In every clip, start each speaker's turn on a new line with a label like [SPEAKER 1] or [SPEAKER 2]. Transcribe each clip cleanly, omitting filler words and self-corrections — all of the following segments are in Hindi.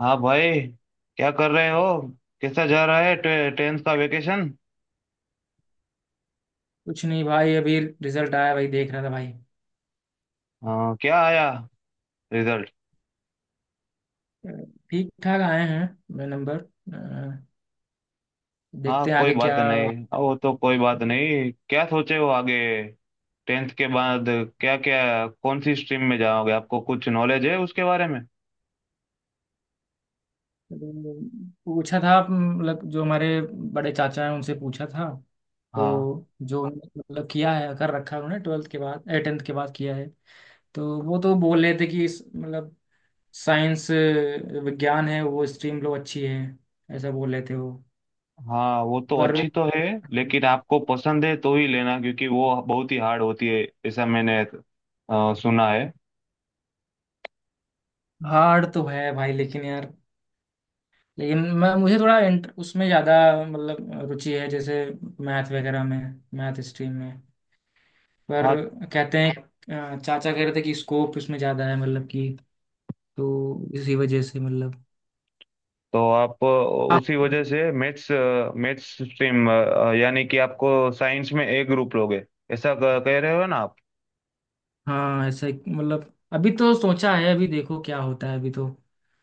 [SPEAKER 1] हाँ भाई। क्या कर रहे हो? कैसा जा रहा है टेंथ का वेकेशन?
[SPEAKER 2] कुछ नहीं भाई, अभी रिजल्ट आया भाई, देख रहा था भाई।
[SPEAKER 1] हाँ, क्या आया रिजल्ट?
[SPEAKER 2] ठीक ठाक आए हैं नंबर। अ,
[SPEAKER 1] हाँ,
[SPEAKER 2] देखते हैं
[SPEAKER 1] कोई
[SPEAKER 2] आगे क्या।
[SPEAKER 1] बात नहीं। हाँ, वो तो कोई बात नहीं। क्या सोचे हो आगे टेंथ के बाद? क्या क्या कौन सी स्ट्रीम में जाओगे? आपको कुछ नॉलेज है उसके बारे में?
[SPEAKER 2] पूछा था, मतलब जो हमारे बड़े चाचा हैं उनसे पूछा था।
[SPEAKER 1] हाँ
[SPEAKER 2] तो जो मतलब किया है, कर रखा है उन्होंने, ट्वेल्थ के बाद टेंथ के बाद किया है। तो वो तो बोल रहे थे कि मतलब साइंस, विज्ञान है वो स्ट्रीम लो, अच्छी है। ऐसा बोल रहे थे वो।
[SPEAKER 1] हाँ, वो तो
[SPEAKER 2] पर
[SPEAKER 1] अच्छी तो है। लेकिन आपको पसंद है तो ही लेना, क्योंकि वो बहुत ही हार्ड होती है ऐसा मैंने सुना है।
[SPEAKER 2] हार्ड तो है भाई, लेकिन यार, लेकिन मैं मुझे थोड़ा उसमें ज़्यादा मतलब रुचि है, जैसे मैथ वगैरह में, मैथ स्ट्रीम में। पर
[SPEAKER 1] हाँ,
[SPEAKER 2] कहते हैं, चाचा कह रहे थे कि स्कोप इसमें ज़्यादा है, मतलब कि, तो इसी वजह से मतलब
[SPEAKER 1] तो आप
[SPEAKER 2] आप।
[SPEAKER 1] उसी वजह से मैथ्स मैथ्स स्ट्रीम, यानी कि आपको साइंस में ए ग्रुप लोगे, ऐसा कह रहे हो ना आप?
[SPEAKER 2] हाँ ऐसा मतलब अभी तो सोचा है, अभी देखो क्या होता है, अभी तो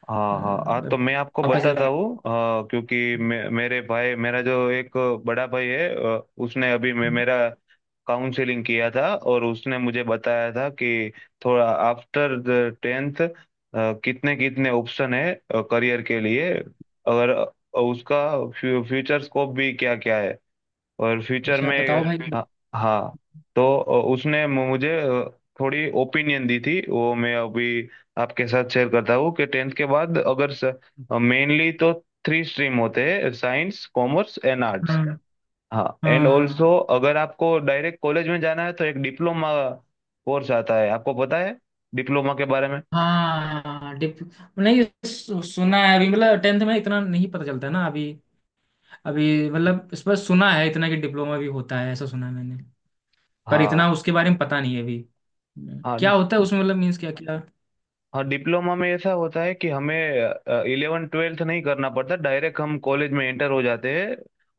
[SPEAKER 1] हाँ हाँ हाँ, तो मैं आपको
[SPEAKER 2] पापा से
[SPEAKER 1] बताता हूँ, हाँ, क्योंकि मेरे भाई, मेरा जो एक बड़ा भाई है, उसने अभी मेरा काउंसलिंग किया था और उसने मुझे बताया था कि थोड़ा आफ्टर द टेंथ कितने कितने ऑप्शन है करियर के लिए, और उसका फ्यूचर स्कोप भी क्या क्या है और फ्यूचर
[SPEAKER 2] अच्छा
[SPEAKER 1] में
[SPEAKER 2] बताओ भाई।
[SPEAKER 1] अ, हाँ, तो उसने मुझे थोड़ी ओपिनियन दी थी, वो मैं अभी आपके साथ शेयर करता हूँ कि टेंथ के बाद अगर मेनली तो थ्री स्ट्रीम होते हैं, साइंस, कॉमर्स एंड आर्ट्स।
[SPEAKER 2] हाँ,
[SPEAKER 1] हाँ, एंड
[SPEAKER 2] हाँ,
[SPEAKER 1] ऑल्सो अगर आपको डायरेक्ट कॉलेज में जाना है तो एक डिप्लोमा कोर्स आता है। आपको पता है डिप्लोमा के बारे में?
[SPEAKER 2] हाँ। हाँ, डिप नहीं सुना है अभी, मतलब टेंथ में इतना नहीं पता चलता ना अभी। अभी मतलब इस पर सुना है इतना कि डिप्लोमा भी होता है, ऐसा सुना है मैंने। पर
[SPEAKER 1] हाँ
[SPEAKER 2] इतना उसके बारे में पता नहीं है अभी। हम्म।
[SPEAKER 1] हाँ।
[SPEAKER 2] क्या होता है उसमें मतलब, मीन्स क्या क्या।
[SPEAKER 1] हाँ, डिप्लोमा में ऐसा होता है कि हमें इलेवन ट्वेल्थ नहीं करना पड़ता, डायरेक्ट हम कॉलेज में एंटर हो जाते हैं,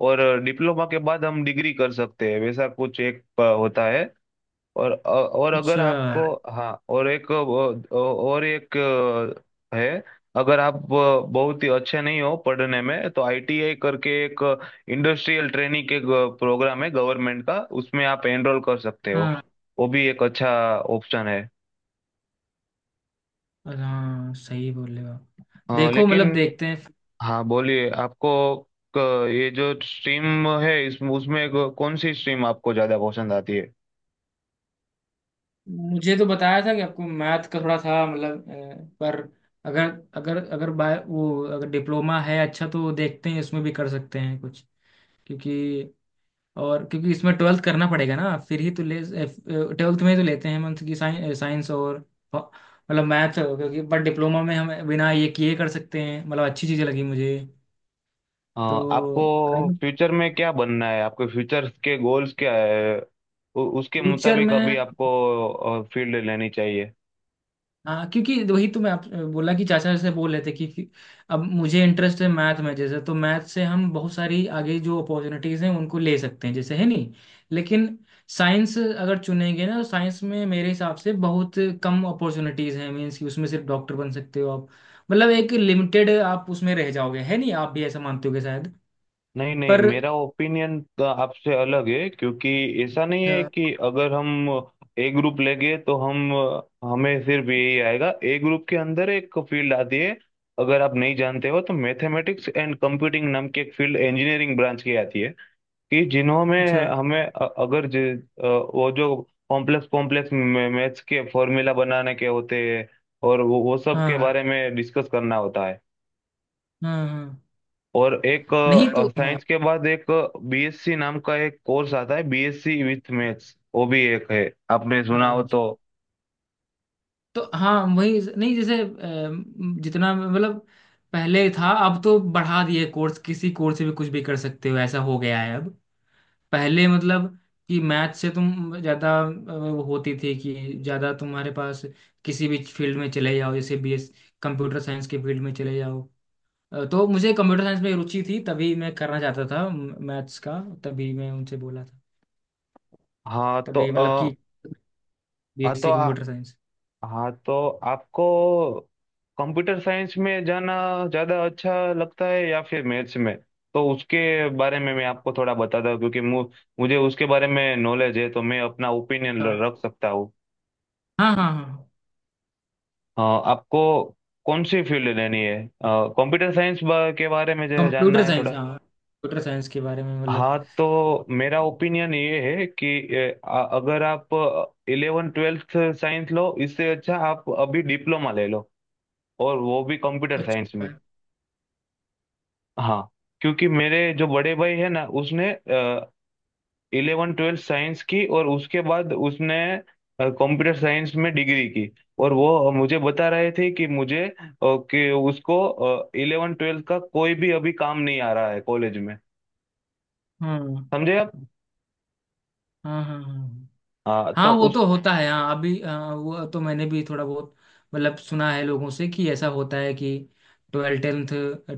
[SPEAKER 1] और डिप्लोमा के बाद हम डिग्री कर सकते हैं, वैसा कुछ एक होता है। और और अगर
[SPEAKER 2] अच्छा।
[SPEAKER 1] आपको, हाँ, और एक, और एक अ, है। अगर आप बहुत ही अच्छे नहीं हो पढ़ने में, तो आईटीआई करके एक इंडस्ट्रियल ट्रेनिंग के प्रोग्राम है गवर्नमेंट का, उसमें आप एनरोल कर सकते हो।
[SPEAKER 2] हाँ,
[SPEAKER 1] वो भी एक अच्छा ऑप्शन है।
[SPEAKER 2] हाँ सही बोल रहे हो आप। देखो
[SPEAKER 1] लेकिन
[SPEAKER 2] मतलब, देखते हैं।
[SPEAKER 1] हाँ, बोलिए, आपको ये जो स्ट्रीम है, इस उसमें कौन सी स्ट्रीम आपको ज्यादा पसंद आती है?
[SPEAKER 2] मुझे तो बताया था कि आपको मैथ का थोड़ा था मतलब, पर अगर, अगर बाय वो, अगर डिप्लोमा है अच्छा, तो देखते हैं इसमें भी कर सकते हैं कुछ, क्योंकि, और क्योंकि इसमें ट्वेल्थ करना पड़ेगा ना फिर ही तो ले। ट्वेल्थ में ही तो लेते हैं मंथ की साइंस, फ- मतलब मैथ, क्योंकि बट डिप्लोमा में हम बिना ये किए कर सकते हैं, मतलब अच्छी चीज़ें लगी मुझे,
[SPEAKER 1] अ, आपको
[SPEAKER 2] तो।
[SPEAKER 1] फ्यूचर में क्या बनना है, आपके फ्यूचर के गोल्स क्या है? उसके
[SPEAKER 2] फ्यूचर
[SPEAKER 1] मुताबिक अभी
[SPEAKER 2] में
[SPEAKER 1] आपको फील्ड लेनी चाहिए।
[SPEAKER 2] हाँ, क्योंकि वही तो मैं आप बोला कि चाचा से बोल रहे थे कि अब मुझे इंटरेस्ट है मैथ में, जैसे तो मैथ से हम बहुत सारी आगे जो अपॉर्चुनिटीज हैं उनको ले सकते हैं, जैसे, है नहीं। लेकिन साइंस अगर चुनेंगे ना, तो साइंस में मेरे हिसाब से बहुत कम अपॉर्चुनिटीज हैं, मीन्स कि उसमें सिर्फ डॉक्टर बन सकते हो आप, मतलब एक लिमिटेड आप उसमें रह जाओगे, है नहीं, आप भी ऐसा मानते होगे शायद,
[SPEAKER 1] नहीं नहीं,
[SPEAKER 2] पर।
[SPEAKER 1] मेरा ओपिनियन आपसे अलग है, क्योंकि ऐसा नहीं है
[SPEAKER 2] अच्छा
[SPEAKER 1] कि अगर हम ए ग्रुप लेंगे तो हम हमें सिर्फ यही आएगा। ए ग्रुप के अंदर एक फील्ड आती है, अगर आप नहीं जानते हो तो, मैथमेटिक्स एंड कंप्यूटिंग नाम की एक फील्ड, इंजीनियरिंग ब्रांच की आती है, कि जिन्हों
[SPEAKER 2] अच्छा।
[SPEAKER 1] में
[SPEAKER 2] अच्छा।
[SPEAKER 1] हमें अगर वो जो कॉम्प्लेक्स कॉम्प्लेक्स मैथ्स के फॉर्मूला बनाने के होते हैं और वो सब के बारे
[SPEAKER 2] हाँ,
[SPEAKER 1] में डिस्कस करना होता है।
[SPEAKER 2] हाँ, हाँ।
[SPEAKER 1] और एक
[SPEAKER 2] नहीं, तो हाँ।
[SPEAKER 1] साइंस के बाद, एक बीएससी नाम का एक कोर्स आता है, बीएससी विथ मैथ्स, वो भी एक है, आपने सुना हो
[SPEAKER 2] अच्छा।
[SPEAKER 1] तो।
[SPEAKER 2] तो हाँ वही, नहीं जैसे जितना मतलब पहले था, अब तो बढ़ा दिए कोर्स, किसी कोर्स से भी कुछ भी कर सकते हो, ऐसा हो गया है अब। पहले मतलब कि मैथ से तुम ज़्यादा वो होती थी कि ज़्यादा तुम्हारे पास किसी भी फील्ड में चले जाओ, जैसे बीएस, कंप्यूटर साइंस के फील्ड में चले जाओ। तो मुझे कंप्यूटर साइंस में रुचि थी, तभी मैं करना चाहता था मैथ्स का, तभी मैं उनसे बोला था,
[SPEAKER 1] हाँ तो
[SPEAKER 2] तभी मतलब
[SPEAKER 1] अ,
[SPEAKER 2] कि
[SPEAKER 1] हाँ तो
[SPEAKER 2] बीएससी
[SPEAKER 1] आ,
[SPEAKER 2] कंप्यूटर साइंस।
[SPEAKER 1] हाँ, तो आपको कंप्यूटर साइंस में जाना ज्यादा अच्छा लगता है या फिर मैथ्स में? तो उसके बारे में मैं आपको थोड़ा बताता हूँ, क्योंकि मुझे उसके बारे में नॉलेज है, तो मैं अपना ओपिनियन
[SPEAKER 2] हाँ,
[SPEAKER 1] रख सकता हूँ।
[SPEAKER 2] हाँ, हाँ।
[SPEAKER 1] आपको कौन सी फील्ड लेनी है? कंप्यूटर साइंस के बारे में जो है, जानना
[SPEAKER 2] कंप्यूटर
[SPEAKER 1] है थोड़ा?
[SPEAKER 2] साइंस, हाँ कंप्यूटर साइंस के बारे में मतलब।
[SPEAKER 1] हाँ तो मेरा ओपिनियन ये है कि अगर आप इलेवन ट्वेल्थ साइंस लो, इससे अच्छा आप अभी डिप्लोमा ले लो, और वो भी कंप्यूटर साइंस
[SPEAKER 2] अच्छा।
[SPEAKER 1] में। हाँ, क्योंकि मेरे जो बड़े भाई है ना, उसने इलेवन ट्वेल्थ साइंस की और उसके बाद उसने कंप्यूटर साइंस में डिग्री की, और वो मुझे बता रहे थे कि उसको इलेवन ट्वेल्थ का कोई भी अभी काम नहीं आ रहा है कॉलेज में।
[SPEAKER 2] हाँ,
[SPEAKER 1] समझे आप?
[SPEAKER 2] हाँ, हाँ, हाँ।
[SPEAKER 1] हाँ,
[SPEAKER 2] हाँ
[SPEAKER 1] तो
[SPEAKER 2] वो तो होता है हाँ अभी, हाँ, वो तो मैंने भी थोड़ा बहुत मतलब सुना है लोगों से कि ऐसा होता है कि ट्वेल्थ टेंथ,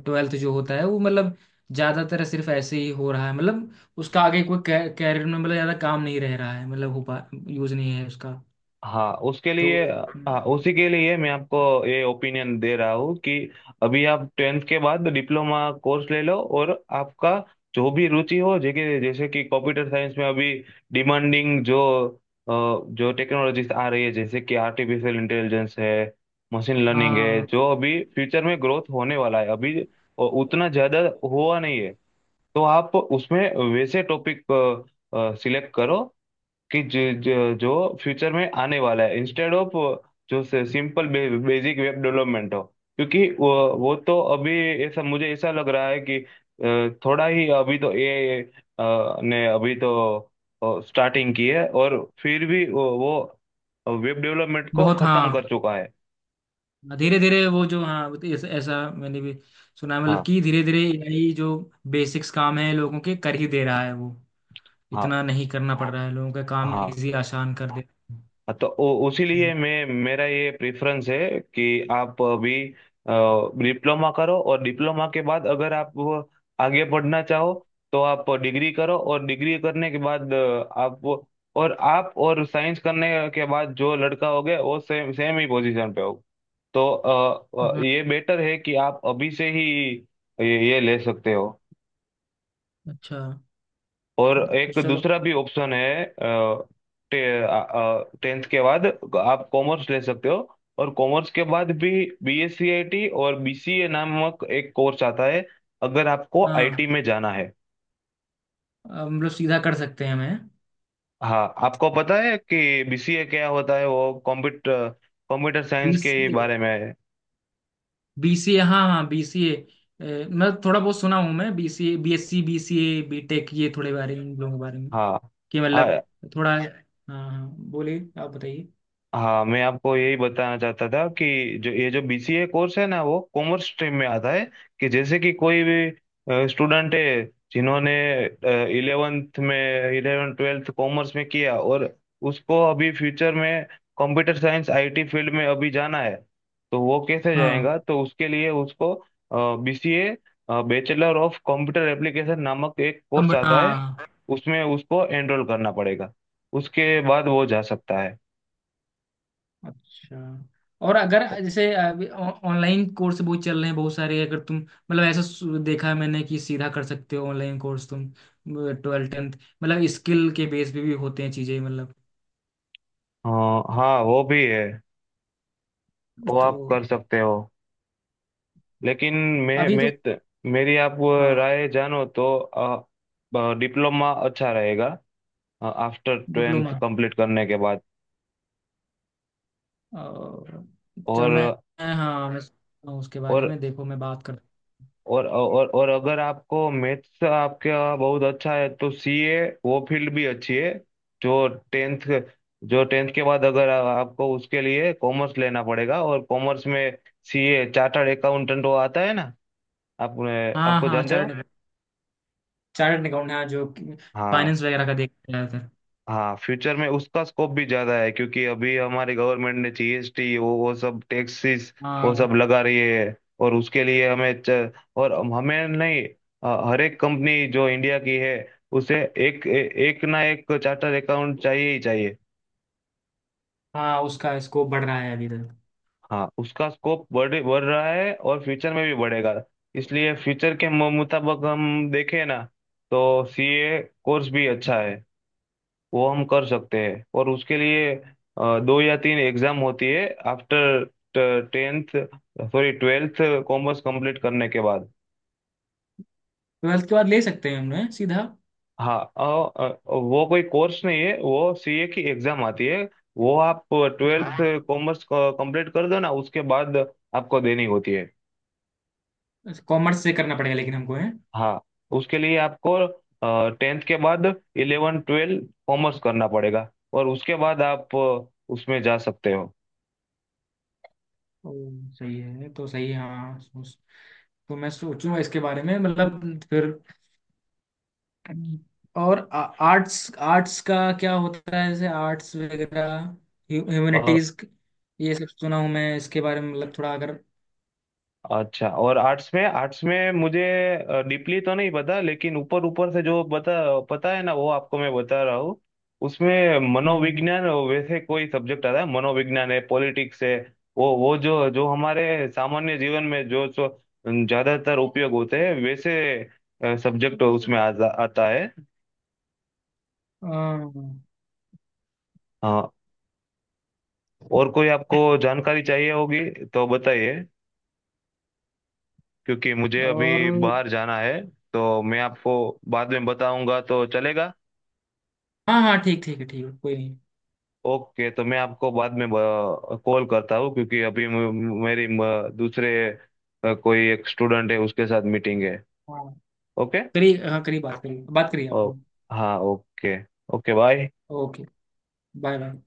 [SPEAKER 2] ट्वेल्थ जो होता है वो मतलब ज्यादातर सिर्फ ऐसे ही हो रहा है, मतलब उसका आगे कोई कैरियर में मतलब ज्यादा काम नहीं रह रहा है, मतलब हो पा यूज नहीं है उसका,
[SPEAKER 1] हाँ, उसके
[SPEAKER 2] तो।
[SPEAKER 1] लिए, हाँ, उसी के लिए मैं आपको ये ओपिनियन दे रहा हूँ कि अभी आप टेंथ के बाद डिप्लोमा कोर्स ले लो, और आपका जो भी रुचि हो, जैसे जैसे कि कंप्यूटर साइंस में अभी डिमांडिंग जो जो टेक्नोलॉजीज आ रही है, जैसे कि आर्टिफिशियल इंटेलिजेंस है, मशीन लर्निंग है,
[SPEAKER 2] हाँ।
[SPEAKER 1] जो अभी फ्यूचर में ग्रोथ होने वाला है, अभी उतना ज्यादा हुआ नहीं है। तो आप उसमें वैसे टॉपिक सिलेक्ट करो कि जो फ्यूचर में आने वाला है, इंस्टेड ऑफ जो सिंपल बेसिक वेब डेवलपमेंट हो, क्योंकि वो तो अभी, ऐसा मुझे ऐसा लग रहा है कि थोड़ा ही अभी तो ए ने अभी तो स्टार्टिंग की है और फिर भी वो वेब डेवलपमेंट को
[SPEAKER 2] बहुत
[SPEAKER 1] खत्म
[SPEAKER 2] हाँ,
[SPEAKER 1] कर चुका है।
[SPEAKER 2] धीरे धीरे वो जो हाँ, वो तो ऐसा, ऐसा मैंने भी सुना है, मतलब
[SPEAKER 1] हाँ
[SPEAKER 2] कि धीरे धीरे एआई जो बेसिक्स काम है लोगों के कर ही दे रहा है वो,
[SPEAKER 1] हाँ।
[SPEAKER 2] इतना नहीं करना पड़ हाँ रहा है, लोगों का काम
[SPEAKER 1] हाँ,
[SPEAKER 2] इजी आसान कर दे।
[SPEAKER 1] तो उसी लिए
[SPEAKER 2] हाँ।
[SPEAKER 1] मैं, मेरा ये प्रेफरेंस है कि आप अभी डिप्लोमा करो, और डिप्लोमा के बाद अगर आप आगे पढ़ना चाहो तो आप डिग्री करो, और डिग्री करने के बाद अ, आप और साइंस करने के बाद जो लड़का हो गया वो सेम सेम ही पोजीशन पे हो, तो
[SPEAKER 2] हाँ।
[SPEAKER 1] ये बेटर है कि आप अभी से ही ये ले सकते हो।
[SPEAKER 2] अच्छा।
[SPEAKER 1] और
[SPEAKER 2] तो
[SPEAKER 1] एक
[SPEAKER 2] चलो।
[SPEAKER 1] दूसरा भी ऑप्शन है, टेंथ के बाद आप कॉमर्स ले सकते हो, और कॉमर्स के बाद भी बीएससी आईटी और बीसीए नामक एक कोर्स आता है, अगर आपको
[SPEAKER 2] हाँ
[SPEAKER 1] आईटी में जाना है।
[SPEAKER 2] अब हम लोग सीधा कर सकते हैं मैं।
[SPEAKER 1] हाँ, आपको पता है कि बीसीए क्या होता है? वो कंप्यूटर कंप्यूटर साइंस के
[SPEAKER 2] बीसीए,
[SPEAKER 1] बारे में है।
[SPEAKER 2] बीसीए, हाँ हाँ बीसीए, मैं थोड़ा बहुत सुना हूँ मैं, बीसीए, बीएससी, बीसीए, बीटेक, ये थोड़े बारे में, इन लोगों के बारे में
[SPEAKER 1] हाँ
[SPEAKER 2] कि मतलब,
[SPEAKER 1] हाँ
[SPEAKER 2] थोड़ा हाँ, हाँ बोलिए आप बताइए।
[SPEAKER 1] हाँ, मैं आपको यही बताना चाहता था कि जो ये जो बीसीए कोर्स है ना, वो कॉमर्स स्ट्रीम में आता है, कि जैसे कि कोई भी स्टूडेंट है जिन्होंने इलेवेंथ ट्वेल्थ कॉमर्स में किया और उसको अभी फ्यूचर में कंप्यूटर साइंस आईटी फील्ड में अभी जाना है, तो वो कैसे
[SPEAKER 2] हाँ।
[SPEAKER 1] जाएगा? तो उसके लिए उसको BCA, bachelor of computer application नामक एक कोर्स
[SPEAKER 2] कंप्यूटर
[SPEAKER 1] आता है,
[SPEAKER 2] हाँ।
[SPEAKER 1] उसमें उसको एनरोल करना पड़ेगा, उसके बाद वो जा सकता है।
[SPEAKER 2] अच्छा। और अगर जैसे अभी ऑनलाइन कोर्स बहुत चल रहे हैं बहुत सारे, अगर तुम मतलब ऐसा देखा है मैंने कि सीधा कर सकते हो ऑनलाइन कोर्स तुम, ट्वेल्थ टेंथ, मतलब स्किल के बेस पे भी होते हैं चीजें मतलब,
[SPEAKER 1] हाँ हाँ, वो भी है, वो
[SPEAKER 2] तो।
[SPEAKER 1] आप कर सकते हो, लेकिन मैं
[SPEAKER 2] अभी
[SPEAKER 1] मैं
[SPEAKER 2] तो
[SPEAKER 1] त- मेरी आप वो
[SPEAKER 2] हाँ।
[SPEAKER 1] राय जानो तो डिप्लोमा अच्छा रहेगा, आफ्टर ट्वेल्थ
[SPEAKER 2] डिप्लोमा।
[SPEAKER 1] कंप्लीट करने के बाद,
[SPEAKER 2] और चलो
[SPEAKER 1] और
[SPEAKER 2] मैं, हाँ मैं सोचता हूँ उसके बारे
[SPEAKER 1] और
[SPEAKER 2] में, देखो मैं बात कर।
[SPEAKER 1] और अगर आपको मैथ्स आपके बहुत अच्छा है तो सीए, वो फील्ड भी अच्छी है। जो टेंथ जो टेंथ के बाद अगर आपको, उसके लिए कॉमर्स लेना पड़ेगा, और कॉमर्स में सीए, चार्टर्ड अकाउंटेंट, वो आता है ना, आप
[SPEAKER 2] हाँ,
[SPEAKER 1] आपको
[SPEAKER 2] हाँ
[SPEAKER 1] जानते
[SPEAKER 2] चार्ट,
[SPEAKER 1] हो?
[SPEAKER 2] चार्ट अकाउंट हाँ, जो
[SPEAKER 1] हाँ
[SPEAKER 2] फाइनेंस वगैरह का देखते हैं उधर।
[SPEAKER 1] हाँ। फ्यूचर में उसका स्कोप भी ज्यादा है, क्योंकि अभी हमारी गवर्नमेंट ने जीएसटी, वो सब टैक्सेस, वो
[SPEAKER 2] हाँ।
[SPEAKER 1] सब लगा रही है, और उसके लिए हमें च, और हम- हमें नहीं हर एक कंपनी जो इंडिया की है, उसे एक ए, एक ना एक चार्टर अकाउंट चाहिए ही चाहिए।
[SPEAKER 2] हाँ उसका स्कोप बढ़ रहा है अभी तक।
[SPEAKER 1] हाँ, उसका स्कोप बढ़ बढ़ रहा है और फ्यूचर में भी बढ़ेगा, इसलिए फ्यूचर के मुताबिक हम देखें ना, तो सीए कोर्स भी अच्छा है, वो हम कर सकते हैं, और उसके लिए दो या तीन एग्जाम होती है after tenth sorry twelfth, commerce complete करने के बाद।
[SPEAKER 2] ट्वेल्थ के बाद ले सकते हैं हमने सीधा।
[SPEAKER 1] हाँ, वो कोई कोर्स नहीं है, वो सीए की एग्जाम आती है, वो आप ट्वेल्थ
[SPEAKER 2] हाँ
[SPEAKER 1] कॉमर्स कंप्लीट कर दो ना, उसके बाद आपको देनी होती है।
[SPEAKER 2] कॉमर्स से करना पड़ेगा लेकिन हमको है।
[SPEAKER 1] हाँ, उसके लिए आपको टेंथ के बाद इलेवन ट्वेल्व कॉमर्स करना पड़ेगा, और उसके बाद आप उसमें जा सकते हो।
[SPEAKER 2] ओ, सही है तो सही है, हाँ सोच, तो मैं सोचूंगा इसके बारे में मतलब फिर। और आर्ट्स, आर्ट्स का क्या होता है, जैसे आर्ट्स वगैरह, ह्यूमैनिटीज, ये सब सुना हूँ मैं इसके बारे में मतलब थोड़ा अगर।
[SPEAKER 1] अच्छा, और आर्ट्स में मुझे डीपली तो नहीं पता, लेकिन ऊपर ऊपर से जो पता पता है ना, वो आपको मैं बता रहा हूँ। उसमें
[SPEAKER 2] हम्म,
[SPEAKER 1] मनोविज्ञान वैसे कोई सब्जेक्ट आता है, मनोविज्ञान है, पॉलिटिक्स है, वो जो जो हमारे सामान्य जीवन में जो जो ज्यादातर उपयोग होते हैं, वैसे सब्जेक्ट उसमें आता है।
[SPEAKER 2] हाँ।
[SPEAKER 1] हाँ, और कोई आपको जानकारी चाहिए होगी तो बताइए, क्योंकि मुझे
[SPEAKER 2] और
[SPEAKER 1] अभी बाहर जाना है, तो मैं आपको बाद में बताऊंगा, तो चलेगा?
[SPEAKER 2] हाँ, हाँ ठीक, ठीक है, ठीक है कोई नहीं।
[SPEAKER 1] ओके, तो मैं आपको बाद में कॉल करता हूँ, क्योंकि अभी दूसरे कोई एक स्टूडेंट है, उसके साथ मीटिंग है।
[SPEAKER 2] हाँ
[SPEAKER 1] ओके।
[SPEAKER 2] करिए, हाँ करिए, बात करिए, बात करिए आप।
[SPEAKER 1] ओ, हाँ, okay. Okay, bye.
[SPEAKER 2] Okay. Bye bye.